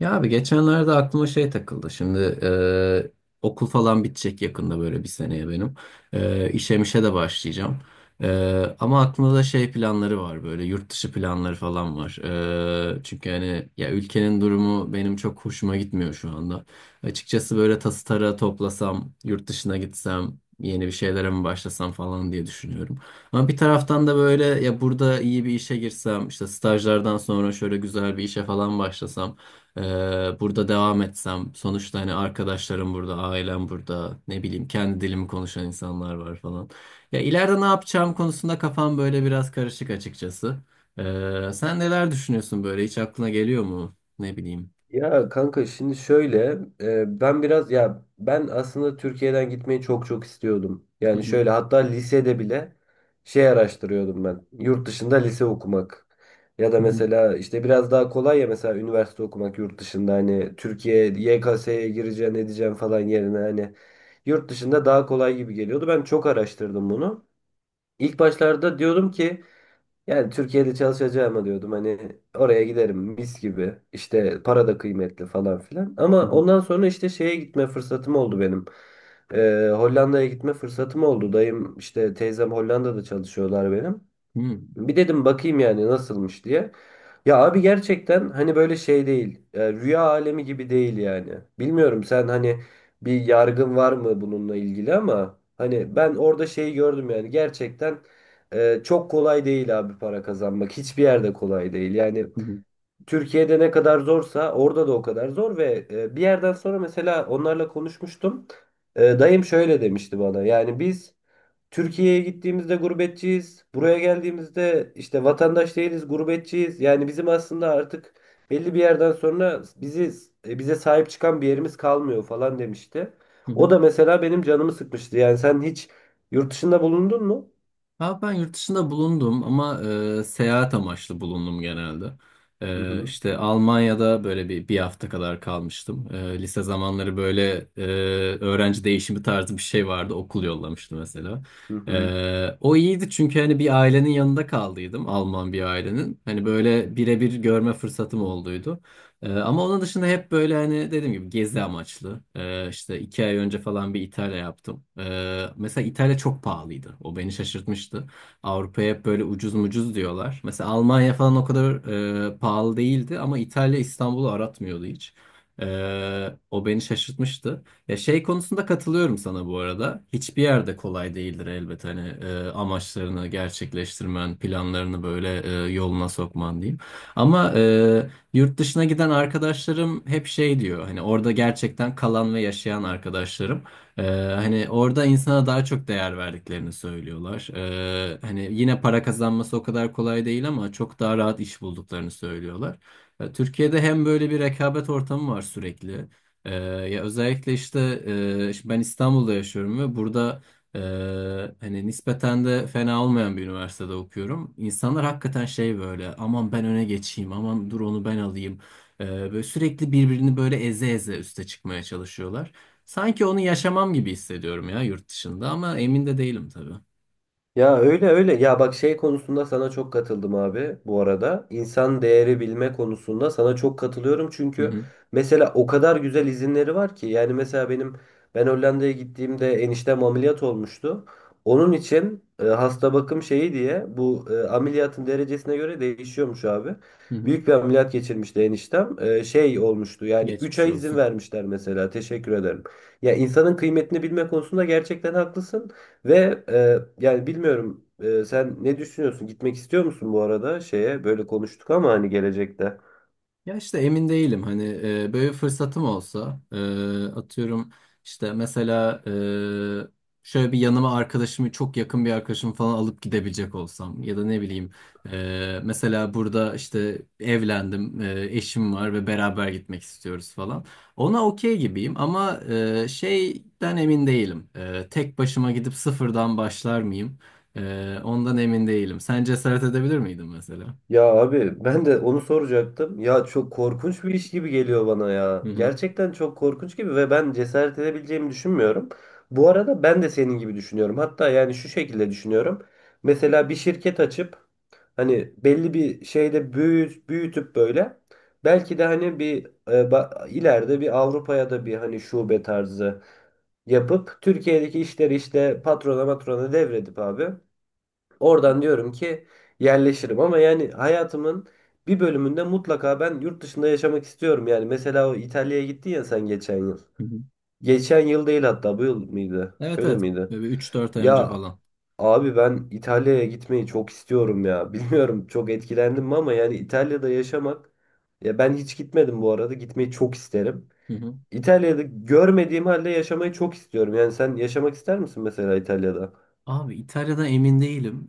Ya abi geçenlerde aklıma şey takıldı. Şimdi okul falan bitecek yakında böyle bir seneye benim. E, işe mişe de başlayacağım. Ama aklımda da şey planları var böyle yurt dışı planları falan var. Çünkü hani ya ülkenin durumu benim çok hoşuma gitmiyor şu anda. Açıkçası böyle tası tarağı toplasam, yurt dışına gitsem, yeni bir şeylere mi başlasam falan diye düşünüyorum. Ama bir taraftan da böyle ya burada iyi bir işe girsem, işte stajlardan sonra şöyle güzel bir işe falan başlasam. Burada devam etsem sonuçta hani arkadaşlarım burada, ailem burada, ne bileyim kendi dilimi konuşan insanlar var falan. Ya ileride ne yapacağım konusunda kafam böyle biraz karışık açıkçası. Sen neler düşünüyorsun böyle hiç aklına geliyor mu? Ne bileyim. Ya kanka, şimdi şöyle e, ben biraz ya ben aslında Türkiye'den gitmeyi çok çok istiyordum. Hı Yani hı, şöyle, hatta lisede bile şey araştırıyordum ben. Yurt dışında lise okumak. Ya da hı hı, mesela işte biraz daha kolay, ya mesela üniversite okumak yurt dışında, hani Türkiye YKS'ye gireceğin edeceğin falan yerine, hani yurt dışında daha kolay gibi geliyordu. Ben çok araştırdım bunu. İlk başlarda diyordum ki, yani Türkiye'de çalışacağıma diyordum, hani oraya giderim mis gibi, işte para da kıymetli falan filan. hı Ama hı, ondan sonra işte şeye gitme fırsatım oldu benim. Hollanda'ya gitme fırsatım oldu. Dayım işte teyzem Hollanda'da çalışıyorlar benim. hı hı, Bir dedim bakayım yani nasılmış diye. Ya abi, gerçekten hani böyle şey değil, rüya alemi gibi değil yani. Bilmiyorum sen hani bir yargın var mı bununla ilgili, ama hani ben orada şeyi gördüm yani, gerçekten çok kolay değil abi para kazanmak. Hiçbir yerde kolay değil. Yani hı hı, Türkiye'de ne kadar zorsa orada da o kadar zor, ve bir yerden sonra mesela onlarla konuşmuştum. Dayım şöyle demişti bana. Yani biz Türkiye'ye gittiğimizde gurbetçiyiz, buraya geldiğimizde işte vatandaş değiliz, gurbetçiyiz. Yani bizim aslında artık belli bir yerden sonra bizi, bize sahip çıkan bir yerimiz kalmıyor falan demişti. hı O hı. da mesela benim canımı sıkmıştı. Yani sen hiç yurt dışında bulundun mu? Ha, ben yurt dışında bulundum ama seyahat amaçlı bulundum genelde. Hı E, hı. işte Almanya'da böyle bir hafta kadar kalmıştım. Lise zamanları böyle öğrenci değişimi tarzı bir şey vardı. Okul yollamıştı mesela. Hı hı. O iyiydi çünkü hani bir ailenin yanında kaldıydım. Alman bir ailenin. Hani böyle birebir görme fırsatım olduydu. Ama onun dışında hep böyle hani dediğim gibi gezi amaçlı. İşte 2 ay önce falan bir İtalya yaptım. Mesela İtalya çok pahalıydı. O beni şaşırtmıştı. Avrupa'ya hep böyle ucuz mucuz diyorlar. Mesela Almanya falan o kadar pahalı değildi ama İtalya İstanbul'u aratmıyordu hiç. O beni şaşırtmıştı. Ya şey konusunda katılıyorum sana bu arada. Hiçbir yerde kolay değildir elbet hani amaçlarını gerçekleştirmen, planlarını böyle yoluna sokman diyeyim. Ama yurt dışına giden arkadaşlarım hep şey diyor hani orada gerçekten kalan ve yaşayan arkadaşlarım. Ee, hani orada insana daha çok değer verdiklerini söylüyorlar. Hani yine para kazanması o kadar kolay değil ama çok daha rahat iş bulduklarını söylüyorlar. Türkiye'de hem böyle bir rekabet ortamı var sürekli. Ya özellikle işte şimdi ben İstanbul'da yaşıyorum ve burada hani nispeten de fena olmayan bir üniversitede okuyorum. İnsanlar hakikaten şey böyle aman ben öne geçeyim aman dur onu ben alayım. Böyle sürekli birbirini böyle eze eze üste çıkmaya çalışıyorlar. Sanki onu yaşamam gibi hissediyorum ya yurt dışında ama emin de değilim tabii. Ya öyle öyle. Ya bak, şey konusunda sana çok katıldım abi bu arada. İnsan değeri bilme konusunda sana çok katılıyorum. Hı Çünkü hı, mesela o kadar güzel izinleri var ki. Yani mesela ben Hollanda'ya gittiğimde eniştem ameliyat olmuştu. Onun için hasta bakım şeyi diye, bu ameliyatın derecesine göre değişiyormuş abi. hı hı. Büyük bir ameliyat geçirmişti eniştem. Şey olmuştu yani, 3 Geçmiş ay izin olsun. vermişler mesela. Teşekkür ederim. Ya, insanın kıymetini bilme konusunda gerçekten haklısın. Ve yani bilmiyorum, sen ne düşünüyorsun? Gitmek istiyor musun bu arada şeye? Böyle konuştuk ama hani gelecekte. Ya işte emin değilim hani böyle bir fırsatım olsa atıyorum işte mesela şöyle bir yanıma çok yakın bir arkadaşımı falan alıp gidebilecek olsam ya da ne bileyim mesela burada işte evlendim, eşim var ve beraber gitmek istiyoruz falan ona okey gibiyim ama şeyden emin değilim. Tek başıma gidip sıfırdan başlar mıyım. Ondan emin değilim sen cesaret edebilir miydin mesela? Ya abi, ben de onu soracaktım. Ya çok korkunç bir iş gibi geliyor bana ya. Hı Gerçekten çok korkunç gibi, ve ben cesaret edebileceğimi düşünmüyorum. Bu arada ben de senin gibi düşünüyorum. Hatta yani şu şekilde düşünüyorum. Mesela bir şirket açıp, hani belli bir şeyde büyütüp böyle, belki de hani ileride bir Avrupa'ya da bir hani şube tarzı yapıp, Türkiye'deki işleri işte patrona matrona devredip abi, oradan diyorum ki yerleşirim, ama yani hayatımın bir bölümünde mutlaka ben yurt dışında yaşamak istiyorum. Yani mesela o İtalya'ya gittin ya sen geçen yıl. hı. Geçen yıl değil hatta, bu yıl mıydı? Evet Öyle evet. miydi? Böyle 3-4 ay önce Ya falan. abi, ben İtalya'ya gitmeyi çok istiyorum ya. Bilmiyorum çok etkilendim mi, ama yani İtalya'da yaşamak, ya ben hiç gitmedim bu arada. Gitmeyi çok isterim. Hı hı. İtalya'da görmediğim halde yaşamayı çok istiyorum. Yani sen yaşamak ister misin mesela İtalya'da? Abi İtalya'da emin değilim.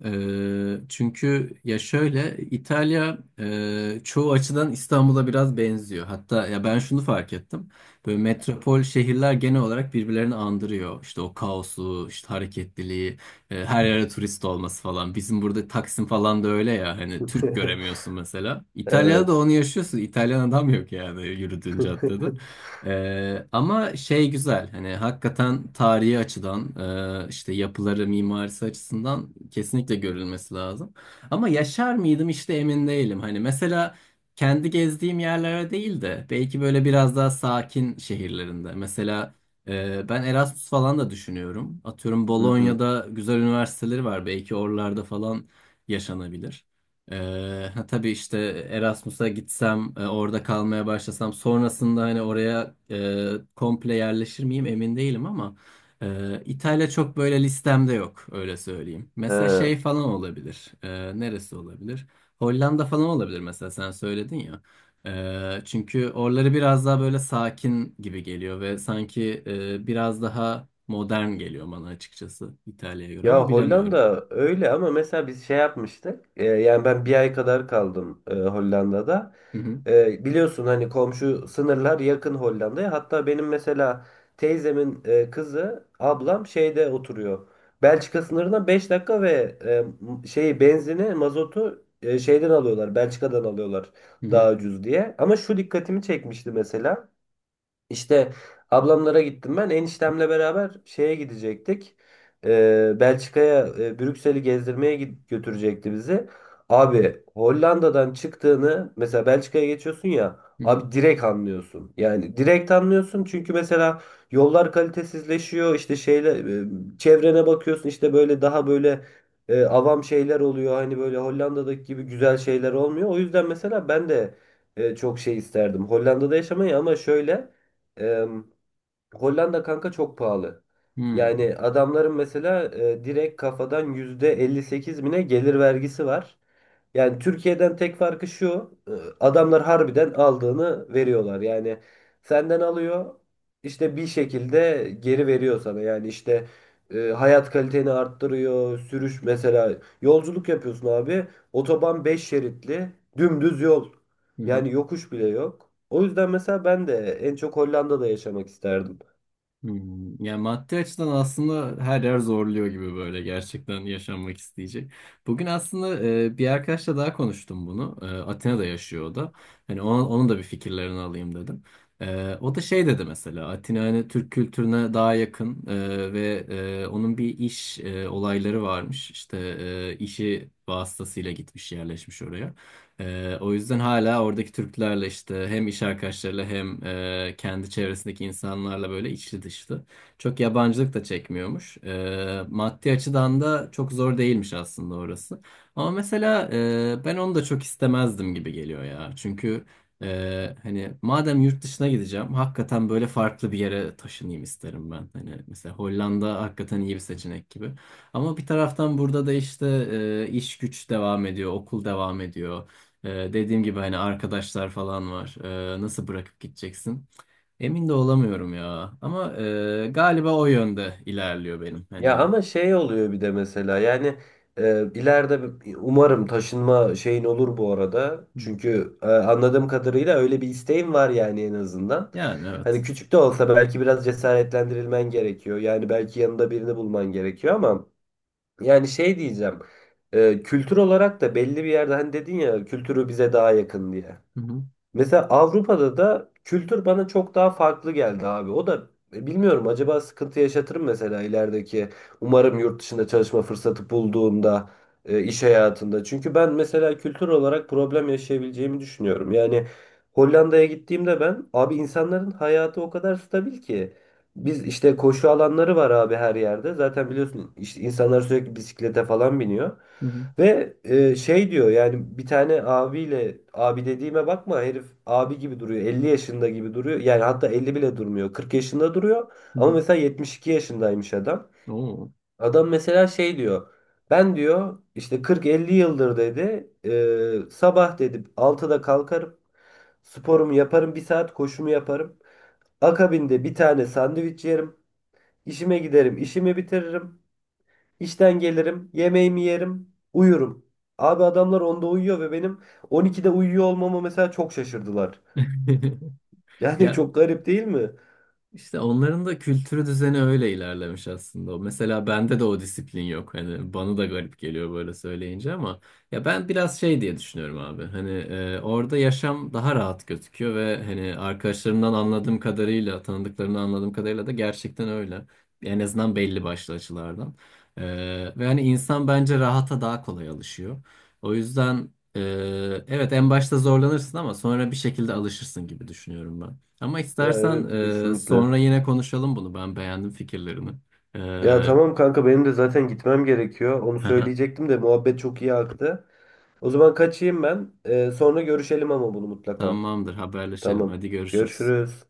Çünkü ya şöyle İtalya çoğu açıdan İstanbul'a biraz benziyor. Hatta ya ben şunu fark ettim. Böyle metropol şehirler genel olarak birbirlerini andırıyor. İşte o kaosu, işte hareketliliği, her yere turist olması falan. Bizim burada Taksim falan da öyle ya. Hani Türk göremiyorsun mesela. İtalya'da Evet. da onu yaşıyorsun. İtalyan adam yok yani yürüdüğün caddede. Ama şey güzel hani hakikaten tarihi açıdan işte yapıları mimarisi açısından kesinlikle görülmesi lazım. Ama yaşar mıydım işte emin değilim. Hani mesela kendi gezdiğim yerlere değil de belki böyle biraz daha sakin şehirlerinde. Mesela ben Erasmus falan da düşünüyorum. Atıyorum Hı hı. Bolonya'da güzel üniversiteleri var belki oralarda falan yaşanabilir. Ha, tabii işte Erasmus'a gitsem, orada kalmaya başlasam, sonrasında hani oraya komple yerleşir miyim emin değilim ama İtalya çok böyle listemde yok öyle söyleyeyim. Mesela He, şey falan olabilir. Neresi olabilir? Hollanda falan olabilir mesela sen söyledin ya. Çünkü oraları biraz daha böyle sakin gibi geliyor ve sanki biraz daha modern geliyor bana açıkçası İtalya'ya göre ama ya bilemiyorum. Hollanda öyle, ama mesela biz şey yapmıştık. Yani ben bir ay kadar kaldım Hollanda'da. Hı hı Biliyorsun hani komşu sınırlar yakın Hollanda'ya. Hatta benim mesela teyzemin kızı, ablam şeyde oturuyor. Belçika sınırına 5 dakika, ve şeyi, benzini, mazotu şeyden alıyorlar. Belçika'dan alıyorlar daha hı ucuz diye. Ama şu dikkatimi çekmişti mesela. İşte ablamlara gittim ben. Eniştemle beraber şeye gidecektik. Belçika'ya, Brüksel'i gezdirmeye götürecekti bizi. Abi Hollanda'dan çıktığını mesela Belçika'ya geçiyorsun ya hı hı abi, direkt anlıyorsun. Yani direkt anlıyorsun, çünkü mesela yollar kalitesizleşiyor, işte şeyle çevrene bakıyorsun işte, böyle daha böyle avam şeyler oluyor. Hani böyle Hollanda'daki gibi güzel şeyler olmuyor. O yüzden mesela ben de çok şey isterdim Hollanda'da yaşamayı, ama şöyle... Eee, Hollanda kanka çok pahalı. hı. Yani adamların mesela direkt kafadan %58 bine gelir vergisi var. Yani Türkiye'den tek farkı şu. Adamlar harbiden aldığını veriyorlar. Yani senden alıyor, işte bir şekilde geri veriyor sana. Yani işte hayat kaliteni arttırıyor. Sürüş mesela, yolculuk yapıyorsun abi. Otoban 5 şeritli, dümdüz yol. Hı hı. Yani yokuş bile yok. O yüzden mesela ben de en çok Hollanda'da yaşamak isterdim. Hmm, yani maddi açıdan aslında her yer zorluyor gibi böyle gerçekten yaşanmak isteyecek. Bugün aslında bir arkadaşla daha konuştum bunu. Atina'da yaşıyor o da. Hani onun da bir fikirlerini alayım dedim. O da şey dedi mesela Atina hani Türk kültürüne daha yakın ve onun bir iş olayları varmış. İşte işi vasıtasıyla gitmiş yerleşmiş oraya. O yüzden hala oradaki Türklerle işte hem iş arkadaşlarıyla hem kendi çevresindeki insanlarla böyle içli dışlı. Çok yabancılık da çekmiyormuş. Maddi açıdan da çok zor değilmiş aslında orası. Ama mesela ben onu da çok istemezdim gibi geliyor ya. Çünkü hani madem yurt dışına gideceğim hakikaten böyle farklı bir yere taşınayım isterim ben. Hani mesela Hollanda hakikaten iyi bir seçenek gibi. Ama bir taraftan burada da işte iş güç devam ediyor, okul devam ediyor. Dediğim gibi hani arkadaşlar falan var. Nasıl bırakıp gideceksin? Emin de olamıyorum ya. Ama galiba o yönde ilerliyor benim. Ya Hani. ama şey oluyor bir de mesela, yani ileride umarım taşınma şeyin olur bu arada. Hı hı. Çünkü anladığım kadarıyla öyle bir isteğim var yani, en azından. Yani Hani evet. küçük de olsa belki biraz cesaretlendirilmen gerekiyor. Yani belki yanında birini bulman gerekiyor, ama yani şey diyeceğim. Kültür olarak da belli bir yerde, hani dedin ya kültürü bize daha yakın diye. Hı hı, Mesela Avrupa'da da kültür bana çok daha farklı geldi abi. O da bilmiyorum, acaba sıkıntı yaşatırım mesela ilerideki. Umarım yurt dışında çalışma fırsatı bulduğumda iş hayatında. Çünkü ben mesela kültür olarak problem yaşayabileceğimi düşünüyorum. Yani Hollanda'ya gittiğimde ben abi, insanların hayatı o kadar stabil ki. Biz işte koşu alanları var abi her yerde. Zaten biliyorsun işte insanlar sürekli bisiklete falan biniyor. hı hı, Ve şey diyor yani, bir tane abiyle, abi dediğime bakma, herif abi gibi duruyor, 50 yaşında gibi duruyor yani, hatta 50 bile durmuyor, 40 yaşında duruyor, hı ama hı. mesela 72 yaşındaymış adam. Oo. Adam mesela şey diyor, ben diyor işte 40-50 yıldır dedi, sabah dedi 6'da kalkarım, sporumu yaparım, bir saat koşumu yaparım, akabinde bir tane sandviç yerim, işime giderim, işimi bitiririm. İşten gelirim, yemeğimi yerim, uyurum. Abi adamlar onda uyuyor, ve benim 12'de uyuyor olmama mesela çok şaşırdılar. Yani Ya çok garip değil mi? İşte onların da kültürü düzeni öyle ilerlemiş aslında. Mesela bende de o disiplin yok. Hani bana da garip geliyor böyle söyleyince ama ya ben biraz şey diye düşünüyorum abi. Hani orada yaşam daha rahat gözüküyor ve hani arkadaşlarımdan anladığım kadarıyla, tanıdıklarımdan anladığım kadarıyla da gerçekten öyle. En azından belli başlı açılardan. E, ve hani insan bence rahata daha kolay alışıyor. O yüzden evet en başta zorlanırsın ama sonra bir şekilde alışırsın gibi düşünüyorum ben. Ama Ya istersen evet, kesinlikle. sonra yine konuşalım bunu. Ben beğendim fikirlerini. Ya tamam kanka, benim de zaten gitmem gerekiyor. Onu E, söyleyecektim de muhabbet çok iyi aktı. O zaman kaçayım ben. Sonra görüşelim ama bunu mutlaka. Tamamdır, haberleşelim. Tamam. Hadi görüşürüz. Görüşürüz.